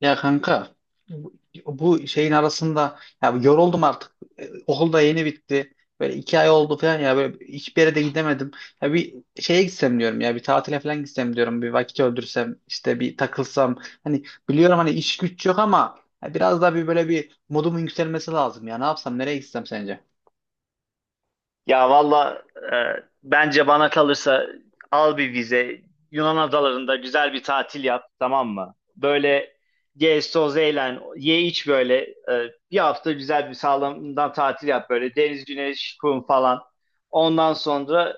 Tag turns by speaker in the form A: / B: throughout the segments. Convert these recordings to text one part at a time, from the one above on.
A: Ya kanka bu bu şeyin arasında ya yoruldum artık. Okul da yeni bitti. Böyle iki ay oldu falan ya böyle hiçbir yere de gidemedim. Ya bir şeye gitsem diyorum ya bir tatile falan gitsem diyorum. Bir vakit öldürsem işte bir takılsam. Hani biliyorum hani iş güç yok ama ya biraz daha bir böyle bir modumun yükselmesi lazım ya. Ne yapsam nereye gitsem sence?
B: Ya valla, e, bence bana kalırsa al bir vize. Yunan adalarında güzel bir tatil yap, tamam mı? Böyle gez toz eğlen ye iç, böyle bir hafta güzel bir sağlamdan tatil yap, böyle deniz güneş kum falan. Ondan sonra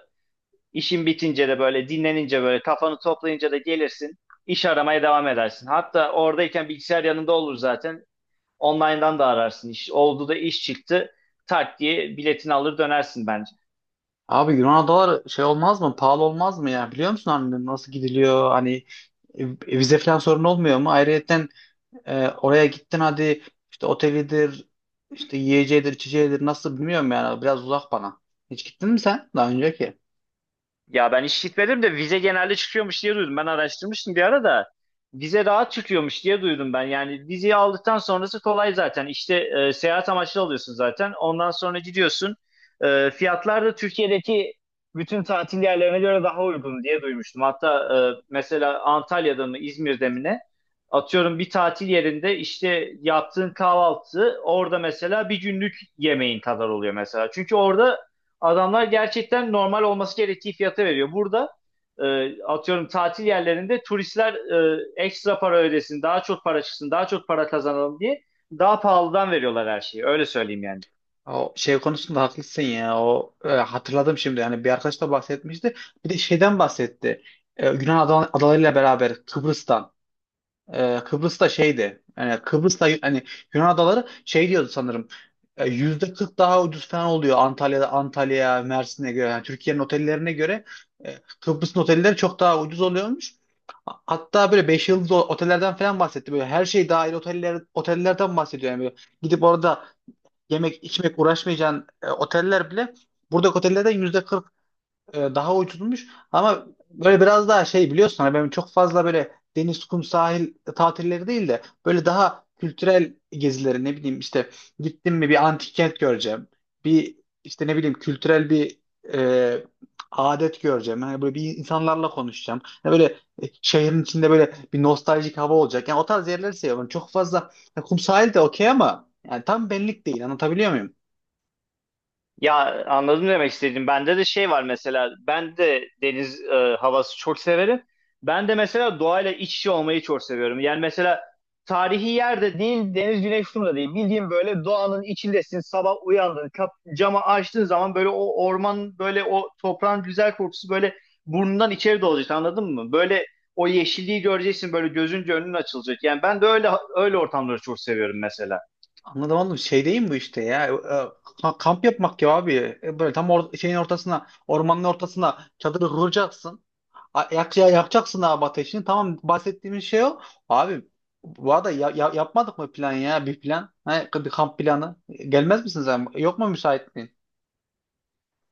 B: işin bitince de, böyle dinlenince, böyle kafanı toplayınca da gelirsin, iş aramaya devam edersin. Hatta oradayken bilgisayar yanında olur zaten, online'dan da ararsın iş. Oldu da iş çıktı, tak diye biletini alır dönersin bence.
A: Abi Yunan adaları şey olmaz mı? Pahalı olmaz mı ya? Biliyor musun hani nasıl gidiliyor? Hani e, vize falan sorun olmuyor mu? Ayrıca oraya gittin hadi işte otelidir, işte yiyeceğidir, içeceğidir nasıl bilmiyorum yani biraz uzak bana. Hiç gittin mi sen daha önceki?
B: Ya ben hiç gitmedim de vize genelde çıkıyormuş diye duydum. Ben araştırmıştım bir ara da, vize rahat çıkıyormuş diye duydum ben. Yani vizeyi aldıktan sonrası kolay zaten. İşte seyahat amaçlı alıyorsun zaten. Ondan sonra gidiyorsun. Fiyatlar da Türkiye'deki bütün tatil yerlerine göre daha uygun diye duymuştum. Hatta mesela Antalya'da mı İzmir'de mi ne? Atıyorum, bir tatil yerinde işte yaptığın kahvaltı orada mesela bir günlük yemeğin kadar oluyor mesela. Çünkü orada adamlar gerçekten normal olması gerektiği fiyata veriyor. Burada atıyorum tatil yerlerinde turistler ekstra para ödesin, daha çok para çıksın, daha çok para kazanalım diye daha pahalıdan veriyorlar her şeyi. Öyle söyleyeyim yani.
A: O şey konusunda haklısın ya. O hatırladım şimdi. Yani bir arkadaş da bahsetmişti. Bir de şeyden bahsetti. Yunan adalarıyla beraber Kıbrıs'tan. Kıbrıs'ta şeydi. Yani Kıbrıs'ta hani Yunan adaları şey diyordu sanırım. %40 daha ucuz falan oluyor Antalya'da Antalya, Mersin'e göre. Yani Türkiye'nin otellerine göre Kıbrıs'ın otelleri çok daha ucuz oluyormuş. Hatta böyle 5 yıldızlı otellerden falan bahsetti. Böyle her şey dahil otellerden bahsediyor. Yani böyle gidip orada yemek, içmek uğraşmayacağın oteller bile buradaki otellerden yüzde kırk daha uydurulmuş ama böyle biraz daha şey biliyorsun hani benim çok fazla böyle deniz, kum, sahil tatilleri değil de böyle daha kültürel gezileri ne bileyim işte gittim mi bir antik kent göreceğim. Bir işte ne bileyim kültürel bir e, adet göreceğim. Yani böyle bir insanlarla konuşacağım. Yani böyle şehrin içinde böyle bir nostaljik hava olacak. Yani o tarz yerleri seviyorum. Çok fazla ya kum sahil de okey ama yani tam benlik değil. Anlatabiliyor muyum?
B: Ya anladım demek istediğim. Bende de şey var mesela. Ben de deniz havası çok severim. Ben de mesela doğayla iç içe olmayı çok seviyorum. Yani mesela tarihi yerde değil, deniz güneş şurada değil. Bildiğin böyle doğanın içindesin. Sabah uyandın, camı açtığın zaman böyle o orman, böyle o toprağın güzel kokusu böyle burnundan içeri dolacak. Anladın mı? Böyle o yeşilliği göreceksin, böyle gözünce önün açılacak. Yani ben de öyle ortamları çok seviyorum mesela.
A: Anladım anladım. Şey değil mi bu işte ya? Kamp yapmak ya abi. Böyle tam şeyin ortasına, ormanın ortasına çadırı kuracaksın. Yakacaksın abi ateşini. Tamam bahsettiğimiz şey o. Abi bu arada yapmadık mı plan ya? Bir plan. Ha, bir kamp planı. Gelmez misiniz, abi? Yok mu müsaitliğin?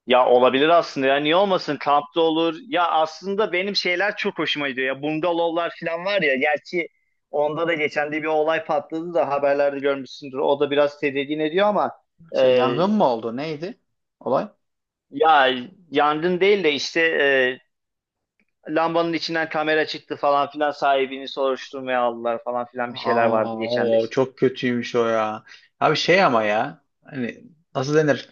B: Ya olabilir aslında, ya niye olmasın, kampta olur. Ya aslında benim şeyler çok hoşuma gidiyor ya, bungalovlar falan var ya. Gerçi onda da geçen de bir olay patladı da, haberlerde görmüşsündür. O da biraz tedirgin ediyor ama e,
A: Şey yangın mı oldu? Neydi olay?
B: ya yangın değil de işte lambanın içinden kamera çıktı falan filan, sahibini soruşturmaya aldılar falan filan, bir şeyler vardı
A: Aa,
B: geçen de
A: o
B: işte.
A: çok kötüymüş o ya. Abi şey ama ya. Hani nasıl denir?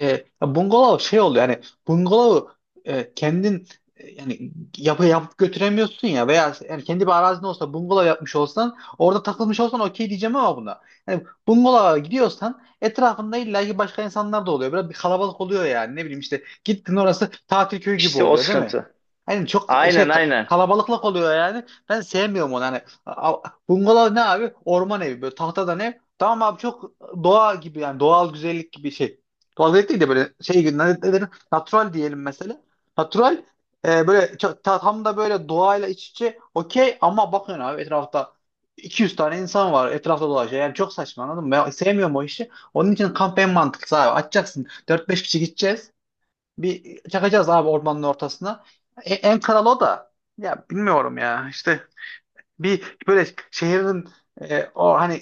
A: E, ya bungalov şey oluyor yani bungalovu kendin yani yapıp götüremiyorsun ya veya yani kendi bir arazin olsa bungalov yapmış olsan orada takılmış olsan okey diyeceğim ama buna. Yani bungalova gidiyorsan etrafında illa ki başka insanlar da oluyor. Biraz bir kalabalık oluyor yani ne bileyim işte gittin orası tatil köyü gibi
B: İşte o
A: oluyor değil mi?
B: sıkıntı.
A: Hani çok şey
B: Aynen, aynen.
A: kalabalıklık oluyor yani. Ben sevmiyorum onu hani. Bungalov ne abi? Orman evi böyle tahtadan ev. Tamam abi çok doğa gibi yani doğal güzellik gibi şey. Tuvalet değil de böyle şey gibi ne denir? Natural diyelim mesela. Natural böyle tam da böyle doğayla iç içe okey ama bakın abi etrafta 200 tane insan var etrafta dolaşıyor. Yani çok saçma anladın mı? Ben sevmiyorum o işi. Onun için kamp en mantıklısı abi. Açacaksın. Dört beş kişi gideceğiz. Bir çakacağız abi ormanın ortasına. En kral o da. Ya bilmiyorum ya. İşte bir böyle şehrin o hani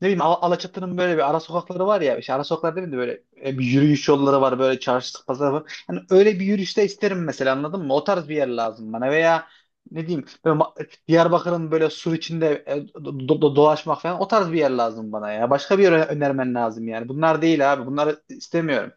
A: ne bileyim Alaçatı'nın böyle bir ara sokakları var ya. İşte ara sokaklar değil mi? Böyle bir yürüyüş yolları var. Böyle çarşı pazar var. Yani öyle bir yürüyüşte isterim mesela anladın mı? O tarz bir yer lazım bana. Veya ne diyeyim böyle Diyarbakır'ın böyle sur içinde dolaşmak falan o tarz bir yer lazım bana ya. Başka bir yer önermen lazım yani. Bunlar değil abi. Bunları istemiyorum.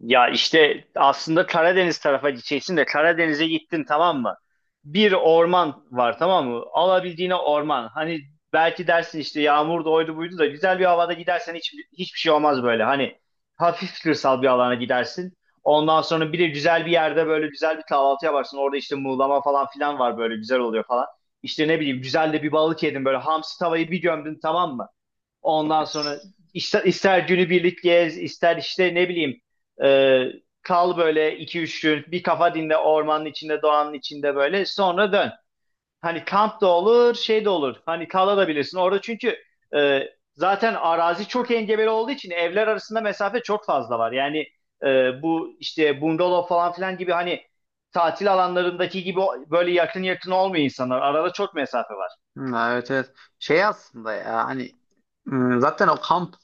B: Ya işte aslında Karadeniz tarafa gideceksin de, Karadeniz'e gittin, tamam mı? Bir orman var, tamam mı? Alabildiğine orman. Hani belki dersin işte yağmur da oydu buydu da, güzel bir havada gidersen hiçbir şey olmaz böyle. Hani hafif kırsal bir alana gidersin. Ondan sonra bir de güzel bir yerde böyle güzel bir kahvaltı yaparsın. Orada işte muğlama falan filan var, böyle güzel oluyor falan. İşte ne bileyim güzel de bir balık yedin, böyle hamsi tavayı bir gömdün, tamam mı? Ondan sonra ister günübirlik gez, ister işte ne bileyim e, kal böyle iki üç gün, bir kafa dinle ormanın içinde, doğanın içinde, böyle sonra dön. Hani kamp da olur, şey de olur. Hani kalabilirsin orada çünkü e, zaten arazi çok engebeli olduğu için evler arasında mesafe çok fazla var. Yani bu işte bungalov falan filan gibi, hani tatil alanlarındaki gibi böyle yakın yakın olmuyor insanlar. Arada çok mesafe var.
A: Hı, evet evet. Şey aslında ya hani zaten o kamp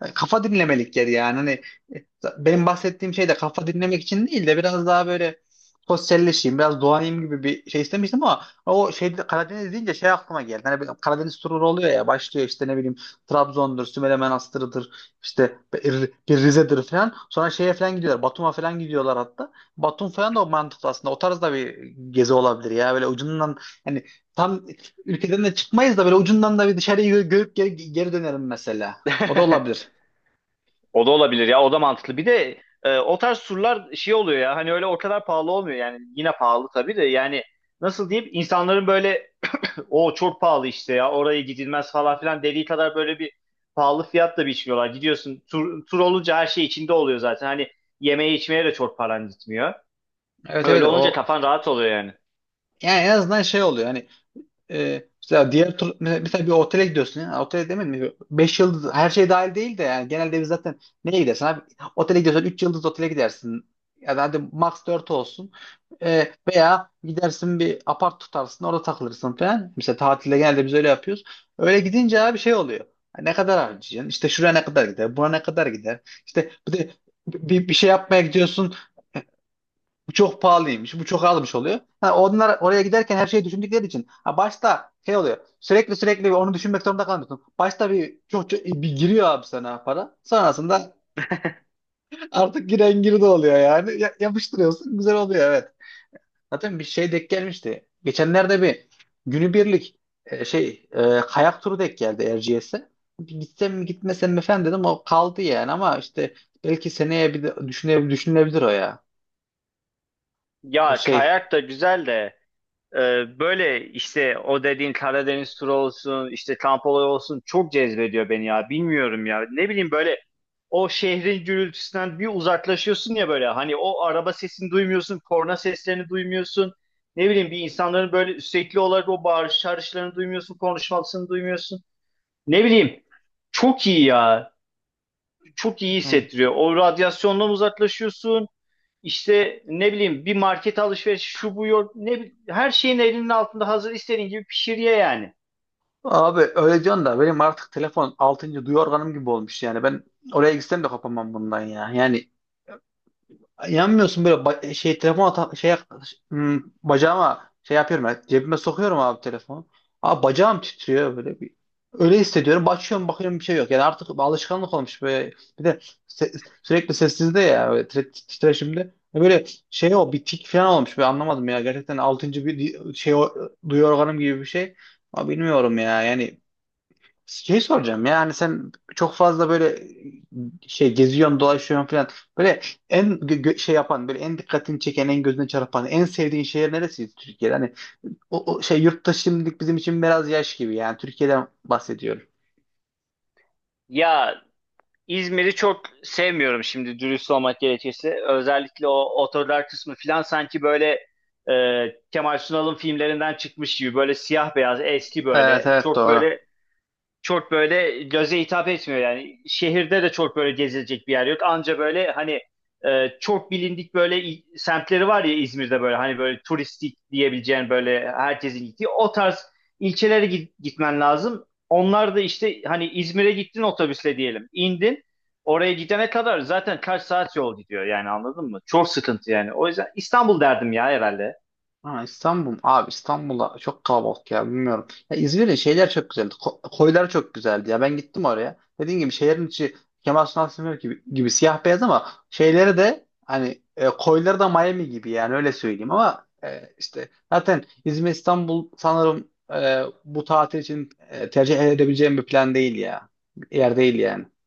A: hani kafa dinlemelikleri yani. Hani e, benim bahsettiğim şey de kafa dinlemek için değil de biraz daha böyle sosyalleşeyim, biraz doğayım gibi bir şey istemiştim ama o şeyde Karadeniz deyince şey aklıma geldi. Hani bir Karadeniz turu oluyor ya başlıyor işte ne bileyim Trabzon'dur, Sümele Manastır'ıdır, işte bir Rize'dir falan. Sonra şeye falan gidiyorlar. Batum'a falan gidiyorlar hatta. Batum falan da o mantıklı aslında. O tarzda bir gezi olabilir ya. Böyle ucundan hani tam ülkeden de çıkmayız da böyle ucundan da bir dışarıyı görüp geri, geri dönerim mesela. O da olabilir.
B: O da olabilir ya, o da mantıklı. Bir de o tarz surlar şey oluyor ya, hani öyle o kadar pahalı olmuyor yani, yine pahalı tabii de, yani nasıl diyeyim, insanların böyle o çok pahalı işte, ya oraya gidilmez falan filan dediği kadar böyle bir pahalı fiyatla biçmiyorlar. Gidiyorsun, tur olunca her şey içinde oluyor zaten, hani yemeğe içmeye de çok paran gitmiyor.
A: Evet evet
B: Öyle olunca
A: o
B: kafan rahat oluyor yani.
A: yani en azından şey oluyor hani mesela diğer tur mesela, bir otele gidiyorsun ya otele demedim mi 5 yıldız her şey dahil değil de yani genelde biz zaten neye gidersin abi otele gidiyorsan 3 yıldız otele gidersin ya da hadi max 4 olsun. Veya gidersin bir apart tutarsın orada takılırsın falan mesela tatilde genelde biz öyle yapıyoruz. Öyle gidince abi şey oluyor. Ha, ne kadar harcayacaksın işte şuraya ne kadar gider buna ne kadar gider işte bir de bir şey yapmaya gidiyorsun bu çok pahalıymış, bu çok almış oluyor. Ha, onlar oraya giderken her şeyi düşündükleri için. Ha, başta şey oluyor. Sürekli sürekli onu düşünmek zorunda kalmıyorsun. Başta bir çok bir giriyor abi sana para. Sonrasında artık giren girdi oluyor yani. Yapıştırıyorsun, güzel oluyor evet. Zaten bir şey denk gelmişti. Geçenlerde bir günübirlik şey kayak turu denk geldi Erciyes'e. Gitsem mi gitmesem mi falan dedim. O kaldı yani ama işte belki seneye bir de düşünülebilir o ya. O
B: Ya
A: şey.
B: kayak da güzel de, ee, böyle işte o dediğin Karadeniz turu olsun, işte kamp olayı olsun, çok cezbediyor beni ya. Bilmiyorum ya. Ne bileyim, böyle o şehrin gürültüsünden bir uzaklaşıyorsun ya böyle. Hani o araba sesini duymuyorsun, korna seslerini duymuyorsun. Ne bileyim bir insanların böyle sürekli olarak o bağırış çağrışlarını duymuyorsun, konuşmasını duymuyorsun. Ne bileyim, çok iyi ya. Çok iyi hissettiriyor. O radyasyondan uzaklaşıyorsun. İşte ne bileyim, bir market alışveriş şu bu yok, her şeyin elinin altında hazır, istediğin gibi pişir ye yani.
A: Abi öyle diyorsun da benim artık telefon 6. duyu organım gibi olmuş yani ben oraya gitsem de kopamam bundan ya. Yani yanmıyorsun böyle şey telefon şey bacağıma şey yapıyorum ya, cebime sokuyorum abi telefonu. Abi bacağım titriyor böyle bir öyle hissediyorum. Bakıyorum bakıyorum bir şey yok. Yani artık alışkanlık olmuş böyle. Bir de sürekli sessizde ya böyle titreşimde. Böyle şey o bir tik falan olmuş. Ben anlamadım ya. Gerçekten 6. bir şey o, duyu organım gibi bir şey. Ama bilmiyorum ya. Yani şey soracağım ya hani sen çok fazla böyle şey geziyorsun dolaşıyorsun falan böyle en şey yapan böyle en dikkatini çeken en gözüne çarpan en sevdiğin şehir neresi Türkiye'de hani o şey yurtta şimdilik bizim için biraz yaş gibi yani Türkiye'den bahsediyorum.
B: Ya İzmir'i çok sevmiyorum şimdi, dürüst olmak gerekirse. Özellikle o otolar kısmı filan sanki böyle e, Kemal Sunal'ın filmlerinden çıkmış gibi, böyle siyah beyaz eski,
A: Evet
B: böyle
A: evet
B: çok
A: doğru.
B: böyle çok böyle göze hitap etmiyor yani. Şehirde de çok böyle gezilecek bir yer yok. Anca böyle hani çok bilindik böyle semtleri var ya İzmir'de, böyle hani böyle turistik diyebileceğin, böyle herkesin gittiği o tarz ilçelere gitmen lazım. Onlar da işte hani İzmir'e gittin otobüsle diyelim, indin. Oraya gidene kadar zaten kaç saat yol gidiyor yani, anladın mı? Çok sıkıntı yani. O yüzden İstanbul derdim ya herhalde.
A: Ha, İstanbul. Abi İstanbul'a çok kalabalık ya bilmiyorum. Ya İzmir'in şeyler çok güzeldi. Koyları çok güzeldi ya. Ben gittim oraya. Dediğim gibi şehrin içi Kemal Sunal Sınır gibi, siyah beyaz ama şeyleri de hani koyları da Miami gibi yani öyle söyleyeyim ama işte zaten İzmir İstanbul sanırım bu tatil için tercih edebileceğim bir plan değil ya. Yer değil yani.